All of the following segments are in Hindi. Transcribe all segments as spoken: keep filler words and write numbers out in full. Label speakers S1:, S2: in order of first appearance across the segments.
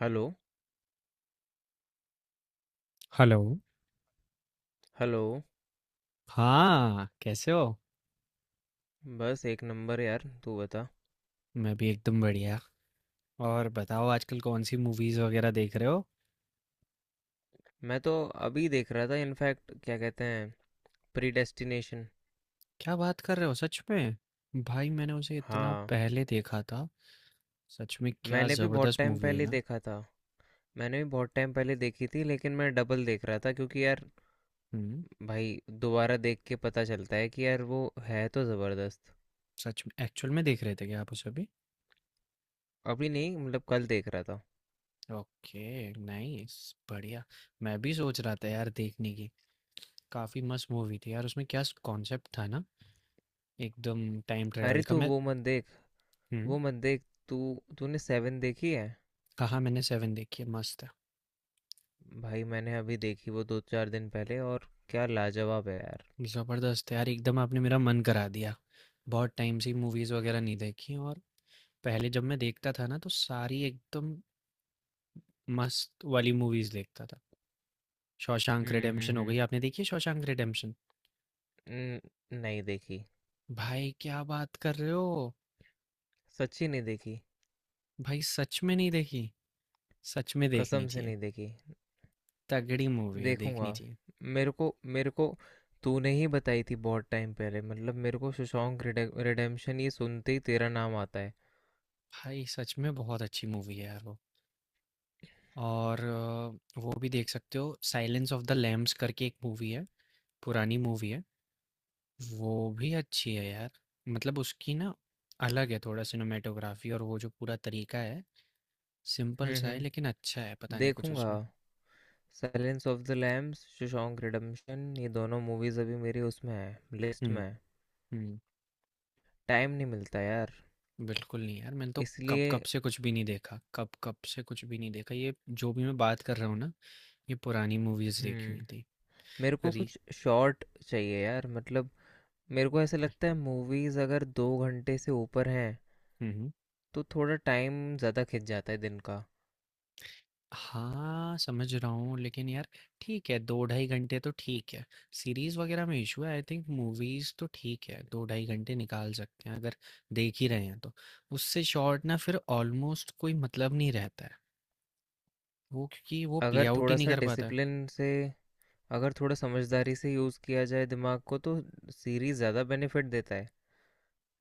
S1: हेलो।
S2: हेलो।
S1: हेलो।
S2: हाँ, कैसे हो?
S1: बस एक नंबर यार, तू बता।
S2: मैं भी एकदम बढ़िया। और बताओ आजकल कौन सी मूवीज वगैरह देख रहे हो?
S1: मैं तो अभी देख रहा था, इनफैक्ट क्या कहते हैं, प्रीडेस्टिनेशन।
S2: क्या बात कर रहे हो सच में। भाई मैंने उसे इतना
S1: हाँ,
S2: पहले देखा था। सच में क्या
S1: मैंने भी बहुत
S2: जबरदस्त
S1: टाइम
S2: मूवी है
S1: पहले
S2: ना।
S1: देखा था। मैंने भी बहुत टाइम पहले देखी थी, लेकिन मैं डबल देख रहा था क्योंकि यार
S2: हम्म।
S1: भाई, दोबारा देख के पता चलता है कि यार वो है तो ज़बरदस्त।
S2: सच में एक्चुअल में देख रहे थे क्या आप उसे भी?
S1: अभी नहीं, मतलब कल देख रहा था।
S2: Okay, nice. बढ़िया। मैं भी सोच रहा था यार देखने की। काफी मस्त मूवी थी यार, उसमें क्या कॉन्सेप्ट था ना, एकदम टाइम ट्रेवल
S1: अरे,
S2: का।
S1: तू
S2: मैं
S1: वो मत देख,
S2: हम्म।
S1: वो मत देख। तू तूने सेवन देखी है?
S2: हाँ हाँ, मैंने सेवन देखी है, मस्त है।
S1: भाई, मैंने अभी देखी वो, दो चार दिन पहले, और क्या लाजवाब है यार।
S2: ज़बरदस्त यार एकदम, आपने मेरा मन करा दिया। बहुत टाइम से मूवीज़ वगैरह नहीं देखी। और पहले जब मैं देखता था ना तो सारी एकदम मस्त वाली मूवीज़ देखता था। शॉशैंक
S1: हम्म। हम्म।
S2: रिडेम्पशन हो
S1: हम्म।
S2: गई, आपने देखी है शॉशैंक रिडेम्पशन?
S1: न- नहीं देखी।
S2: भाई क्या बात कर रहे हो।
S1: सच्ची नहीं देखी।
S2: भाई सच में नहीं देखी? सच में देखनी
S1: कसम से
S2: चाहिए।
S1: नहीं देखी।
S2: तगड़ी मूवी है,
S1: देखूंगा।
S2: देखनी चाहिए।
S1: मेरे को मेरे को तूने ही बताई थी बहुत टाइम पहले, मतलब मेरे को शशांक रिडेम्पशन ये सुनते ही तेरा नाम आता है।
S2: भाई सच में बहुत अच्छी मूवी है यार वो। और अ, वो भी देख सकते हो, साइलेंस ऑफ द लैम्स करके एक मूवी है। पुरानी मूवी है। वो भी अच्छी है यार। मतलब उसकी ना अलग है थोड़ा सिनेमेटोग्राफी, और वो जो पूरा तरीका है सिंपल
S1: हम्म।
S2: सा है,
S1: हम्म।
S2: लेकिन अच्छा है, पता नहीं कुछ
S1: देखूंगा।
S2: उसमें।
S1: Silence of the lambs, Shawshank redemption, ये दोनों मूवीज अभी मेरी उसमें है, लिस्ट में
S2: हम्म
S1: है।
S2: हम्म।
S1: टाइम नहीं मिलता यार,
S2: बिल्कुल नहीं यार, मैंने तो कब
S1: इसलिए।
S2: कब से कुछ भी नहीं देखा, कब कब से कुछ भी नहीं देखा। ये जो भी मैं बात कर रहा हूँ ना ये पुरानी मूवीज देखी
S1: हम्म।
S2: हुई थी।
S1: मेरे को
S2: री
S1: कुछ शॉर्ट चाहिए यार, मतलब मेरे को ऐसा
S2: भाई।
S1: लगता है मूवीज अगर दो घंटे से ऊपर हैं
S2: हम्म।
S1: तो थोड़ा टाइम ज़्यादा खिंच जाता है दिन का।
S2: हाँ, समझ रहा हूँ, लेकिन यार ठीक है, दो ढाई घंटे तो ठीक है। सीरीज़ वग़ैरह में इश्यू है आई थिंक, मूवीज़ तो ठीक है, दो ढाई घंटे निकाल सकते हैं अगर देख ही रहे हैं तो। उससे शॉर्ट ना फिर ऑलमोस्ट कोई मतलब नहीं रहता है, वो क्योंकि वो प्ले
S1: अगर
S2: आउट ही
S1: थोड़ा
S2: नहीं
S1: सा
S2: कर पाता है।
S1: डिसिप्लिन से, अगर थोड़ा समझदारी से यूज़ किया जाए दिमाग को तो सीरीज़ ज़्यादा बेनिफिट देता है।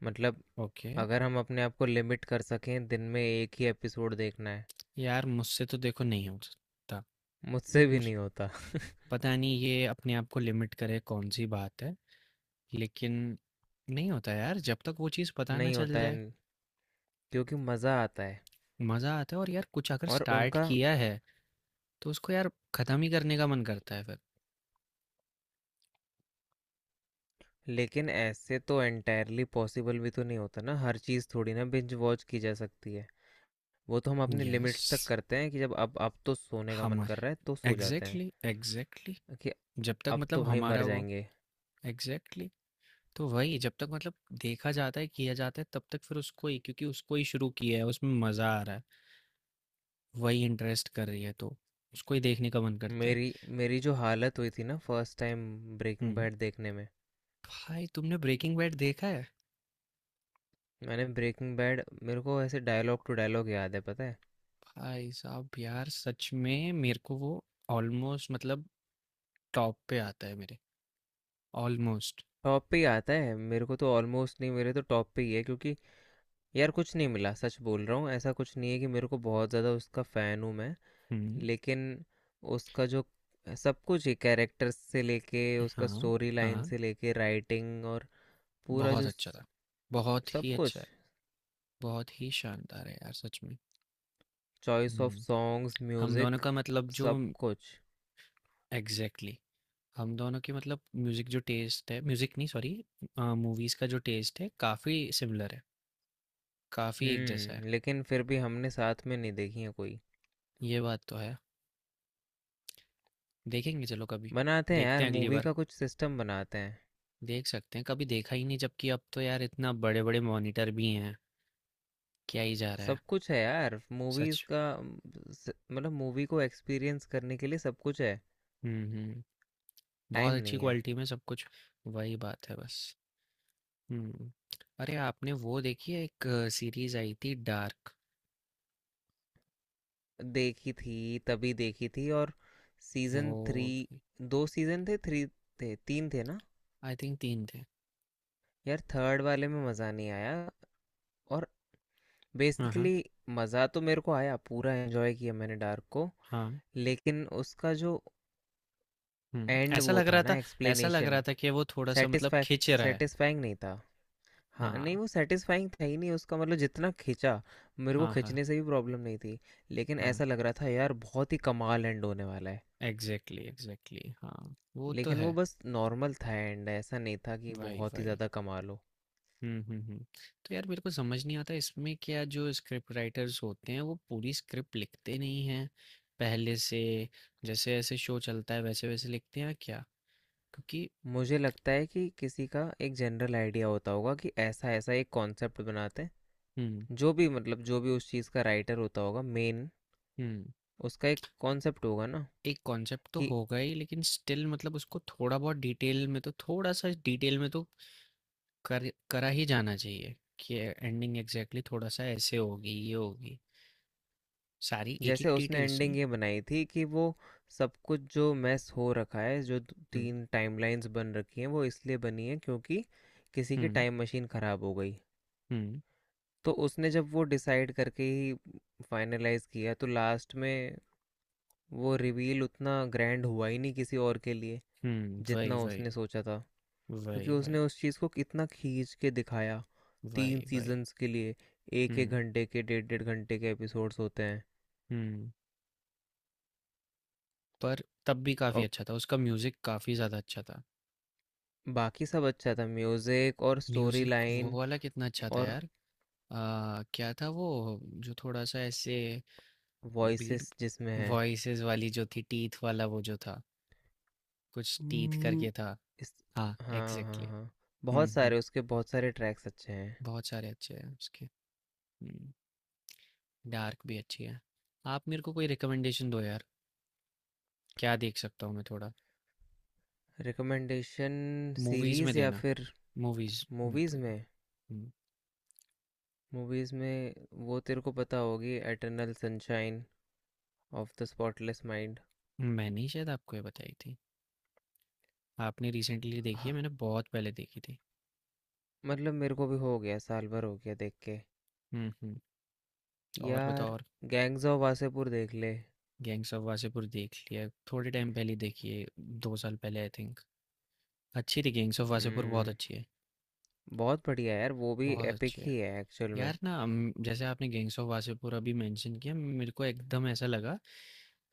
S1: मतलब,
S2: ओके,
S1: अगर हम अपने आप को लिमिट कर सकें दिन में एक ही एपिसोड देखना है।
S2: यार मुझसे तो देखो नहीं हो सकता।
S1: मुझसे भी
S2: मुझ
S1: नहीं होता।
S2: पता नहीं ये अपने आप को लिमिट करे कौन-सी बात है, लेकिन नहीं होता यार जब तक वो चीज़ पता ना
S1: नहीं
S2: चल
S1: होता है,
S2: जाए,
S1: क्योंकि मज़ा आता है।
S2: मज़ा आता है। और यार कुछ अगर
S1: और
S2: स्टार्ट
S1: उनका,
S2: किया है तो उसको यार खत्म ही करने का मन करता है फिर।
S1: लेकिन ऐसे तो एंटायरली पॉसिबल भी तो नहीं होता ना, हर चीज़ थोड़ी ना बिंज वॉच की जा सकती है। वो तो हम अपने
S2: यस
S1: लिमिट्स तक करते हैं कि जब, अब अब तो सोने का मन कर रहा है तो
S2: हमारे
S1: सो जाते हैं,
S2: एग्जैक्टली एग्जैक्टली।
S1: कि
S2: जब तक
S1: अब
S2: मतलब
S1: तो भाई मर
S2: हमारा वो
S1: जाएंगे।
S2: एग्जैक्टली exactly, तो वही जब तक मतलब देखा जाता है किया जाता है तब तक फिर उसको ही, क्योंकि उसको ही शुरू किया है, उसमें मजा आ रहा है, वही इंटरेस्ट कर रही है, तो उसको ही देखने का मन करता है।
S1: मेरी मेरी जो हालत हुई थी ना फर्स्ट टाइम, ब्रेकिंग
S2: हम्म।
S1: बैड देखने में।
S2: भाई तुमने ब्रेकिंग बैड देखा है?
S1: मैंने ब्रेकिंग बैड, मेरे को ऐसे डायलॉग टू डायलॉग याद है, पता है।
S2: भाई साहब यार, सच में मेरे को वो ऑलमोस्ट मतलब टॉप पे आता है मेरे, ऑलमोस्ट।
S1: टॉप पे ही आता है मेरे को, तो ऑलमोस्ट नहीं, मेरे तो टॉप पे ही है, क्योंकि यार कुछ नहीं मिला, सच बोल रहा हूँ, ऐसा कुछ नहीं है कि मेरे को बहुत ज़्यादा उसका फ़ैन हूँ मैं,
S2: हम्म।
S1: लेकिन उसका जो सब कुछ ही, कैरेक्टर्स से लेके, उसका
S2: हाँ
S1: स्टोरी लाइन
S2: हाँ,
S1: से लेके, राइटिंग, और पूरा
S2: बहुत
S1: जो
S2: अच्छा
S1: स-
S2: था। बहुत
S1: सब
S2: ही
S1: कुछ,
S2: अच्छा है। बहुत ही शानदार है यार सच में।
S1: चॉइस ऑफ
S2: हुँ।
S1: सॉन्ग्स,
S2: हम दोनों
S1: म्यूज़िक,
S2: का मतलब जो
S1: सब कुछ।
S2: एग्ज़ैक्टली, हम दोनों की मतलब म्यूज़िक जो टेस्ट है, म्यूज़िक नहीं सॉरी, अ, मूवीज़ का जो टेस्ट है काफ़ी सिमिलर है। काफ़ी एक जैसा है।
S1: हम्म। लेकिन फिर भी हमने साथ में नहीं देखी है कोई।
S2: ये बात तो है। देखेंगे चलो कभी।
S1: बनाते हैं
S2: देखते
S1: यार
S2: हैं अगली
S1: मूवी
S2: बार।
S1: का कुछ सिस्टम, बनाते हैं।
S2: देख सकते हैं। कभी देखा ही नहीं, जबकि अब तो यार इतना बड़े-बड़े मॉनिटर भी हैं। क्या ही जा रहा है।
S1: सब कुछ है यार मूवीज
S2: सच।
S1: का, अम, स- मतलब मूवी को एक्सपीरियंस करने के लिए सब कुछ है।
S2: हुँ, हुँ। बहुत
S1: टाइम
S2: अच्छी
S1: नहीं है।
S2: क्वालिटी में सब कुछ। वही बात है बस। हुँ। अरे आपने वो देखी है, एक सीरीज़ आई थी डार्क?
S1: देखी थी, तभी देखी थी, और सीजन थ्री,
S2: वो
S1: दो सीजन थे, थ्री थे, तीन थे ना।
S2: आई थिंक तीन थे।
S1: यार थर्ड वाले में मज़ा नहीं आया, और
S2: हाँ, हाँ।
S1: बेसिकली मज़ा तो मेरे को आया, पूरा एंजॉय किया मैंने डार्क को।
S2: हाँ।
S1: लेकिन उसका जो
S2: हुँ,
S1: एंड
S2: ऐसा
S1: वो
S2: लग
S1: था
S2: रहा
S1: ना,
S2: था। ऐसा लग
S1: एक्सप्लेनेशन,
S2: रहा था कि वो थोड़ा-सा मतलब खींच
S1: सेटिस्फैक्श
S2: रहा है।
S1: सेटिस्फाइंग नहीं था। हाँ, नहीं,
S2: हाँ,
S1: वो सेटिस्फाइंग था ही नहीं उसका, मतलब जितना खींचा, मेरे को
S2: हाँ, हाँ,
S1: खींचने से भी प्रॉब्लम नहीं थी, लेकिन
S2: हाँ।
S1: ऐसा लग रहा था यार बहुत ही कमाल एंड होने वाला है।
S2: एग्ज़ैक्टली, एग्ज़ैक्टली हाँ, वो तो
S1: लेकिन वो
S2: है।
S1: बस नॉर्मल था एंड, ऐसा नहीं था कि
S2: वही,
S1: बहुत ही
S2: वही।
S1: ज़्यादा कमाल हो।
S2: हुँ, हुँ, हुँ। तो यार मेरे को समझ नहीं आता इसमें, क्या जो स्क्रिप्ट राइटर्स होते हैं वो पूरी स्क्रिप्ट लिखते नहीं हैं पहले से, जैसे-जैसे शो चलता है वैसे-वैसे लिखते हैं या क्या? क्योंकि
S1: मुझे लगता है कि किसी का एक जनरल आइडिया होता होगा कि ऐसा ऐसा एक कॉन्सेप्ट बनाते हैं,
S2: हुँ,
S1: जो भी मतलब जो भी उस चीज़ का राइटर होता होगा मेन,
S2: हुँ।
S1: उसका एक कॉन्सेप्ट होगा ना,
S2: एक कॉन्सेप्ट तो
S1: कि
S2: होगा ही, लेकिन स्टिल मतलब उसको थोड़ा बहुत डिटेल में तो, थोड़ा सा डिटेल में तो कर करा ही जाना चाहिए, कि एंडिंग एग्जैक्टली थोड़ा सा ऐसे होगी, ये होगी, सारी एक
S1: जैसे
S2: एक
S1: उसने
S2: डिटेल्स
S1: एंडिंग
S2: नहीं।
S1: ये बनाई थी कि वो सब कुछ जो मैस हो रखा है, जो द-
S2: हम्म
S1: तीन टाइमलाइंस बन रखी हैं, वो इसलिए बनी है क्योंकि किसी की
S2: हम्म
S1: टाइम मशीन ख़राब हो गई।
S2: हम्म।
S1: तो उसने जब वो डिसाइड करके ही फाइनलाइज किया, तो लास्ट में वो रिवील उतना ग्रैंड हुआ ही नहीं किसी और के लिए,
S2: हम्म वही
S1: जितना
S2: वही,
S1: उसने सोचा था, क्योंकि
S2: वही वही,
S1: उसने उस चीज़ को कितना खींच के दिखाया, तीन
S2: वही वही।
S1: सीजन्स के लिए, एक एक
S2: हम्म
S1: घंटे के, डेढ़ डेढ़ घंटे के एपिसोड्स होते हैं।
S2: हम्म। पर तब भी काफी
S1: और
S2: अच्छा था, उसका म्यूजिक काफी ज्यादा अच्छा था।
S1: बाकी सब अच्छा था, म्यूज़िक और स्टोरी
S2: म्यूजिक वो
S1: लाइन
S2: वाला कितना अच्छा था
S1: और
S2: यार। आ, क्या था वो, जो थोड़ा सा ऐसे बीट,
S1: वॉइसेस जिसमें है।
S2: वॉइसेस वाली जो थी, टीथ वाला वो जो था, कुछ टीथ
S1: हम्म,
S2: करके था।
S1: इस।
S2: हाँ
S1: हाँ हाँ
S2: एग्जैक्टली।
S1: हाँ,
S2: हम्म
S1: बहुत
S2: हम्म।
S1: सारे उसके, बहुत सारे ट्रैक्स अच्छे हैं।
S2: बहुत सारे अच्छे हैं उसके। हम्म। डार्क भी अच्छी है। आप मेरे को कोई रिकमेंडेशन दो यार, क्या देख सकता हूँ मैं थोड़ा?
S1: रिकमेंडेशन?
S2: मूवीज में
S1: सीरीज़ या
S2: देना,
S1: फिर
S2: मूवीज में तो
S1: मूवीज़
S2: देना।
S1: में?
S2: हम्म,
S1: मूवीज़ में, वो तेरे को पता होगी, eternal sunshine of the spotless mind.
S2: मैंने ही शायद आपको ये बताई थी। आपने रिसेंटली देखी है, मैंने बहुत पहले देखी थी।
S1: मतलब मेरे को भी हो गया, साल भर हो गया देख के।
S2: हम्म हम्म। और बताओ
S1: यार,
S2: और।
S1: गैंग्स ऑफ वासेपुर देख ले।
S2: गैंग्स ऑफ वासेपुर देख लिया, थोड़े टाइम पहले देखी है, दो साल पहले आई थिंक। अच्छी थी गैंग्स ऑफ वासेपुर, बहुत
S1: हम्म,
S2: अच्छी है।
S1: बहुत बढ़िया है यार, वो भी
S2: बहुत
S1: एपिक
S2: अच्छी है
S1: ही है एक्चुअल में।
S2: यार ना। हम- जैसे आपने गैंग्स ऑफ वासेपुर अभी मेंशन किया, मेरे को एकदम ऐसा लगा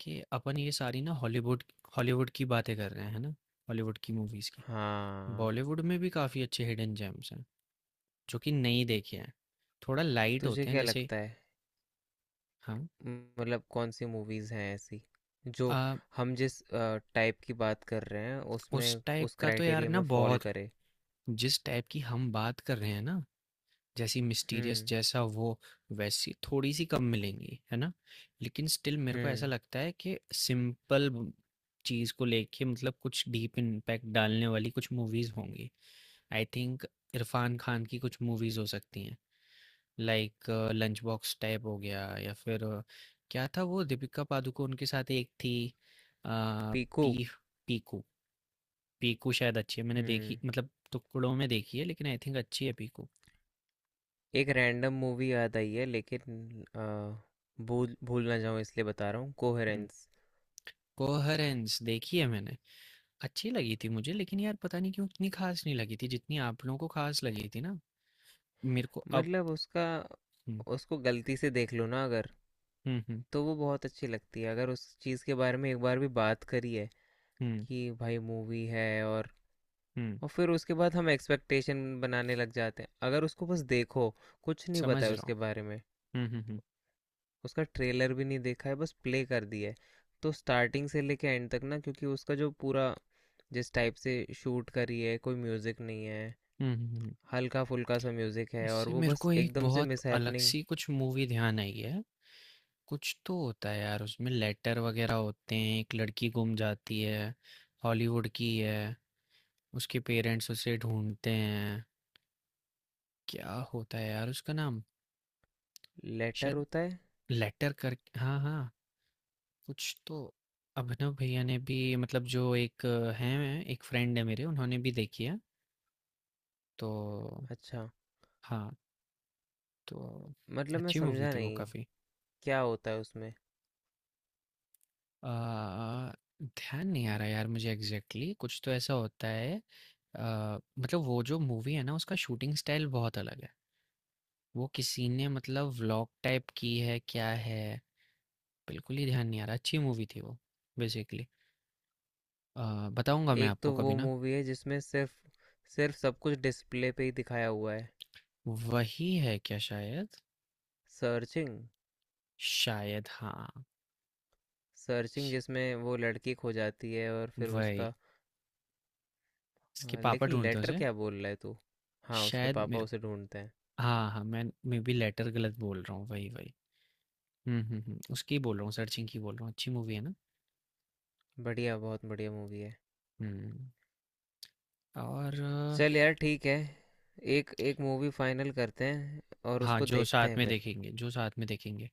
S2: कि अपन ये सारी ना हॉलीवुड, हॉलीवुड की बातें कर रहे हैं, है ना, हॉलीवुड की मूवीज की।
S1: हाँ।
S2: बॉलीवुड में भी काफी अच्छे हिडन जेम्स हैं जो कि नहीं देखे हैं, थोड़ा लाइट
S1: तुझे
S2: होते हैं
S1: क्या
S2: जैसे।
S1: लगता है
S2: हाँ।
S1: म- मतलब कौन सी मूवीज़ हैं ऐसी जो,
S2: आ,
S1: हम जिस टाइप की बात कर रहे हैं
S2: उस
S1: उसमें,
S2: टाइप
S1: उस
S2: का तो यार
S1: क्राइटेरिया
S2: ना
S1: में फॉल
S2: बहुत,
S1: करे।
S2: जिस टाइप की हम बात कर रहे हैं ना, जैसी मिस्टीरियस
S1: हम्म।
S2: जैसा वो, वैसी थोड़ी सी कम मिलेंगी है ना। लेकिन स्टिल मेरे को ऐसा
S1: हम्म।
S2: लगता है कि सिंपल चीज को लेके मतलब कुछ डीप इम्पैक्ट डालने वाली कुछ मूवीज होंगी आई थिंक। इरफान खान की कुछ मूवीज हो सकती हैं, लाइक लंच बॉक्स टाइप हो गया, या फिर अ, क्या था वो दीपिका पादुकोण के साथ एक थी, अ,
S1: पीकू।
S2: पी पीकू। पीकू शायद अच्छी है, मैंने देखी
S1: हम्म।
S2: मतलब टुकड़ों में देखी है, लेकिन आई थिंक अच्छी है पीकू।
S1: एक रैंडम मूवी याद आई है, लेकिन अ, भूल भूल ना जाऊँ इसलिए बता रहा हूँ,
S2: हम्म।
S1: कोहेरेंस।
S2: कोहरेंस देखी है मैंने, अच्छी लगी थी मुझे, लेकिन यार पता नहीं क्यों उतनी ख़ास नहीं लगी थी, जितनी आप लोगों को ख़ास लगी थी ना। मेरे को अब
S1: मतलब उसका,
S2: हुँ,
S1: उसको गलती से देख लो ना अगर,
S2: हुँ, हुँ,
S1: तो वो बहुत अच्छी लगती है। अगर उस चीज़ के बारे में एक बार भी बात करी है
S2: हुँ,
S1: कि भाई मूवी है, और
S2: हुँ,
S1: और फिर उसके बाद हम एक्सपेक्टेशन बनाने लग जाते हैं। अगर उसको बस देखो, कुछ नहीं पता
S2: समझ
S1: है
S2: रहा
S1: उसके बारे में,
S2: हूँ। हुँ, हुँ, हुँ,
S1: उसका ट्रेलर भी नहीं देखा है, बस प्ले कर दिया है, तो स्टार्टिंग से लेके एंड तक ना, क्योंकि उसका जो पूरा, जिस टाइप से शूट करी है, कोई म्यूज़िक नहीं है,
S2: हुँ, हुँ, हुँ।
S1: हल्का फुल्का सा म्यूज़िक है, और
S2: इससे
S1: वो
S2: मेरे
S1: बस
S2: को एक
S1: एकदम से
S2: बहुत
S1: मिस हैपनिंग।
S2: अलग-सी कुछ मूवी ध्यान आई है। कुछ तो होता है यार उसमें, लेटर वग़ैरह होते हैं, एक लड़की गुम जाती है, हॉलीवुड की है, उसके पेरेंट्स उसे ढूँढते हैं। क्या होता है यार उसका नाम?
S1: लेटर
S2: शायद
S1: होता है।
S2: लेटर कर, हाँ, हाँ। कुछ तो अभिनव भैया ने भी, मतलब जो एक अ, हैं एक फ्रेंड है मेरे उन्होंने भी देखी है, तो
S1: अच्छा,
S2: हाँ। तो
S1: मतलब मैं
S2: अच्छी मूवी
S1: समझा
S2: थी वो
S1: नहीं,
S2: काफ़ी।
S1: क्या होता है उसमें।
S2: ध्यान नहीं आ रहा यार मुझे एग्जैक्टली exactly, कुछ तो ऐसा होता है, अ, मतलब वो जो मूवी है ना उसका शूटिंग स्टाइल बहुत अलग है, वो किसी ने मतलब व्लॉग टाइप की है क्या है। बिल्कुल ही ध्यान नहीं आ रहा, अच्छी मूवी थी वो बेसिकली। बताऊंगा मैं
S1: एक
S2: आपको
S1: तो
S2: कभी
S1: वो
S2: ना।
S1: मूवी है जिसमें सिर्फ सिर्फ सब कुछ डिस्प्ले पे ही दिखाया हुआ है,
S2: वही है क्या शायद?
S1: सर्चिंग।
S2: शायद हाँ।
S1: सर्चिंग
S2: श
S1: जिसमें वो लड़की खो जाती है, और फिर
S2: वही,
S1: उसका
S2: इसके
S1: आ,
S2: पापा
S1: लेकिन
S2: ढूँढते हैं
S1: लेटर
S2: उसे,
S1: क्या बोल रहा है तू? हाँ, उसके
S2: शायद
S1: पापा
S2: मेरे,
S1: उसे ढूंढते हैं।
S2: हाँ, हाँ, मैं, मे बी लेटर गलत बोल रहा हूँ, वही, वही। हुँ, हुँ, हुँ, उसकी बोल रहा हूँ, सर्चिंग की बोल रहा हूँ, अच्छी मूवी है ना?
S1: बढ़िया, बहुत बढ़िया मूवी है।
S2: हुँ, और
S1: चल
S2: अ,
S1: यार ठीक है, एक एक मूवी फाइनल करते हैं, और
S2: हाँ,
S1: उसको
S2: जो
S1: देखते
S2: साथ
S1: हैं
S2: में
S1: फिर।
S2: देखेंगे जो साथ में देखेंगे,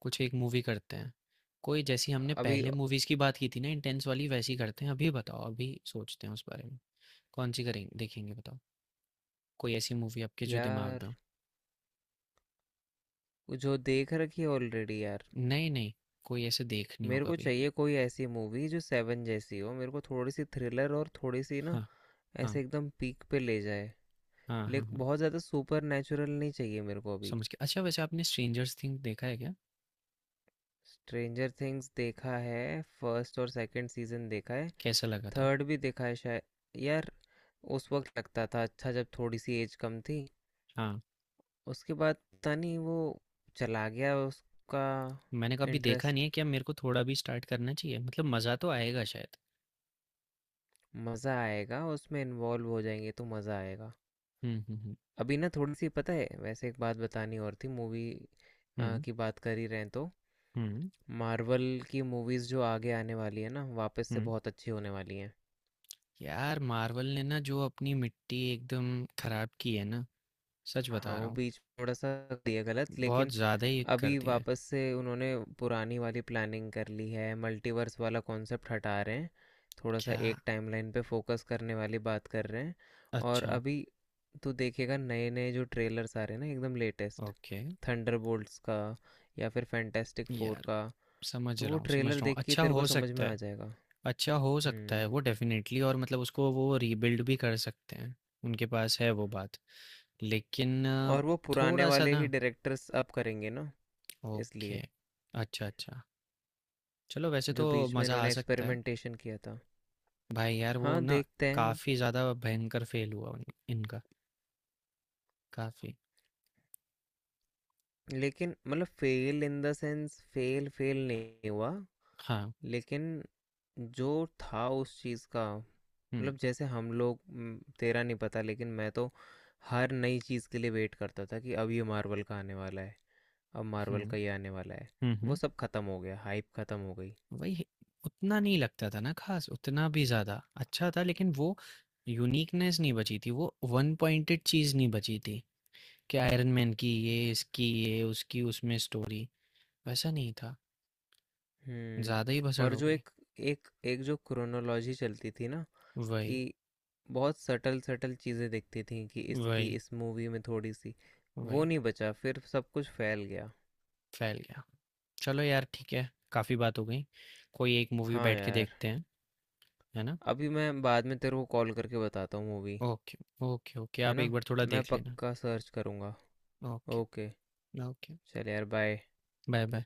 S2: कुछ एक मूवी करते हैं, कोई जैसी हमने
S1: अभी?
S2: पहले मूवीज़ की बात की थी ना इंटेंस वाली वैसी करते हैं, अभी बताओ, अभी सोचते हैं उस बारे में, कौन-सी करेंगे देखेंगे बताओ? कोई ऐसी मूवी आपके जो दिमाग
S1: यार,
S2: में हो?
S1: वो जो देख रखी है ऑलरेडी यार,
S2: नहीं, नहीं, कोई ऐसे देखनी हो
S1: मेरे को
S2: कभी।
S1: चाहिए कोई ऐसी मूवी जो सेवन जैसी हो। मेरे को थोड़ी सी थ्रिलर और थोड़ी सी ना,
S2: हाँ,
S1: ऐसे
S2: हाँ,
S1: एकदम पीक पे ले जाए,
S2: हाँ, हाँ,
S1: लेकिन
S2: हाँ।
S1: बहुत ज़्यादा सुपर नेचुरल नहीं चाहिए मेरे को अभी।
S2: समझ गया। अच्छा वैसे आपने स्ट्रेंजर्स थिंग देखा है क्या?
S1: स्ट्रेंजर थिंग्स देखा है, फर्स्ट और सेकंड सीजन देखा है,
S2: कैसा लगा था?
S1: थर्ड भी देखा है शायद यार। उस वक्त लगता था अच्छा, जब थोड़ी सी एज कम थी,
S2: हाँ,
S1: उसके बाद पता नहीं, वो चला गया उसका
S2: मैंने कभी देखा नहीं
S1: इंटरेस्ट।
S2: है, क्या मेरे को थोड़ा भी स्टार्ट करना चाहिए? मतलब मज़ा तो आएगा शायद।
S1: मज़ा आएगा, उसमें इन्वॉल्व हो जाएंगे तो मज़ा आएगा।
S2: हुँ, हुँ, हुँ।
S1: अभी ना थोड़ी सी, पता है वैसे, एक बात बतानी और थी, मूवी
S2: हुँ,
S1: की बात कर ही रहे हैं तो,
S2: हुँ,
S1: मार्वल की मूवीज़ जो आगे आने वाली है ना, वापस से
S2: हुँ।
S1: बहुत अच्छी होने वाली हैं।
S2: यार मार्वल ने ना जो अपनी मिट्टी एकदम खराब की है ना, सच
S1: हाँ
S2: बता रहा
S1: वो
S2: हूँ,
S1: बीच में थोड़ा सा दिया गलत,
S2: बहुत
S1: लेकिन
S2: ज़्यादा ही कर
S1: अभी
S2: दिया है।
S1: वापस से उन्होंने पुरानी वाली प्लानिंग कर ली है, मल्टीवर्स वाला कॉन्सेप्ट हटा रहे हैं, थोड़ा सा
S2: क्या?
S1: एक टाइमलाइन पे फोकस करने वाली बात कर रहे हैं। और
S2: अच्छा,
S1: अभी तू देखेगा नए नए जो ट्रेलर्स आ रहे हैं ना एकदम लेटेस्ट,
S2: ओके।
S1: थंडरबोल्ट्स का या फिर फैंटेस्टिक फोर
S2: यार
S1: का,
S2: समझ
S1: तो
S2: रहा
S1: वो
S2: हूँ, समझ
S1: ट्रेलर
S2: रहा हूँ।
S1: देख के
S2: अच्छा
S1: तेरे को
S2: हो
S1: समझ
S2: सकता
S1: में आ
S2: है,
S1: जाएगा।
S2: अच्छा हो सकता है
S1: हम्म।
S2: वो डेफ़िनेटली, और मतलब उसको वो रीबिल्ड भी कर सकते हैं। उनके पास है वो बात। लेकिन अ,
S1: और वो पुराने
S2: थोड़ा-सा
S1: वाले ही
S2: ना,
S1: डायरेक्टर्स अब करेंगे ना,
S2: ओके।
S1: इसलिए।
S2: अच्छा, अच्छा। चलो वैसे तो
S1: जो बीच में
S2: मज़ा आ
S1: इन्होंने
S2: सकता है।
S1: एक्सपेरिमेंटेशन किया था।
S2: भाई यार वो
S1: हाँ
S2: ना
S1: देखते हैं।
S2: काफ़ी ज़्यादा भयंकर फ़ेल हुआ, उन, इनका काफ़ी।
S1: लेकिन मतलब fail in the sense fail fail नहीं हुआ,
S2: हाँ।
S1: लेकिन जो था उस चीज़ का,
S2: हुँ,
S1: मतलब जैसे हम लोग म, तेरा नहीं पता लेकिन मैं तो हर नई चीज़ के लिए वेट करता था कि अब ये मार्वल का आने वाला है, अब मार्वल
S2: हुँ।
S1: का ये आने वाला है।
S2: हुँ,
S1: वो
S2: हुँ।
S1: सब ख़त्म हो गया, हाइप ख़त्म हो गई।
S2: वही है, उतना नहीं लगता था ना ख़ास, उतना भी ज़्यादा। अच्छा था लेकिन वो यूनिकनेस नहीं बची थी, वो वन पॉइंटेड चीज़ नहीं बची थी, कि आयरन मैन की ये, इसकी ये, उसकी उसमें स्टोरी। वैसा नहीं था। ज़्यादा ही
S1: हम्म।
S2: भसड़
S1: और
S2: हो
S1: जो
S2: गई।
S1: एक एक एक जो क्रोनोलॉजी चलती थी ना, कि
S2: वही,
S1: बहुत सटल सटल चीज़ें दिखती थी, कि इसकी
S2: वही,
S1: इस मूवी में थोड़ी सी, वो
S2: वही।
S1: नहीं बचा, फिर सब कुछ फैल गया।
S2: फैल गया। चलो यार ठीक है, काफ़ी बात हो गई, कोई एक मूवी
S1: हाँ
S2: बैठ के
S1: यार,
S2: देखते हैं, है ना?
S1: अभी मैं बाद में तेरे को कॉल करके बताता हूँ मूवी,
S2: ओके। ओके ओके,
S1: है
S2: आप
S1: ना?
S2: एक बार थोड़ा
S1: मैं
S2: देख लेना।
S1: पक्का सर्च करूँगा।
S2: ओके।
S1: ओके।
S2: ओके।
S1: चल यार बाय।
S2: Bye bye.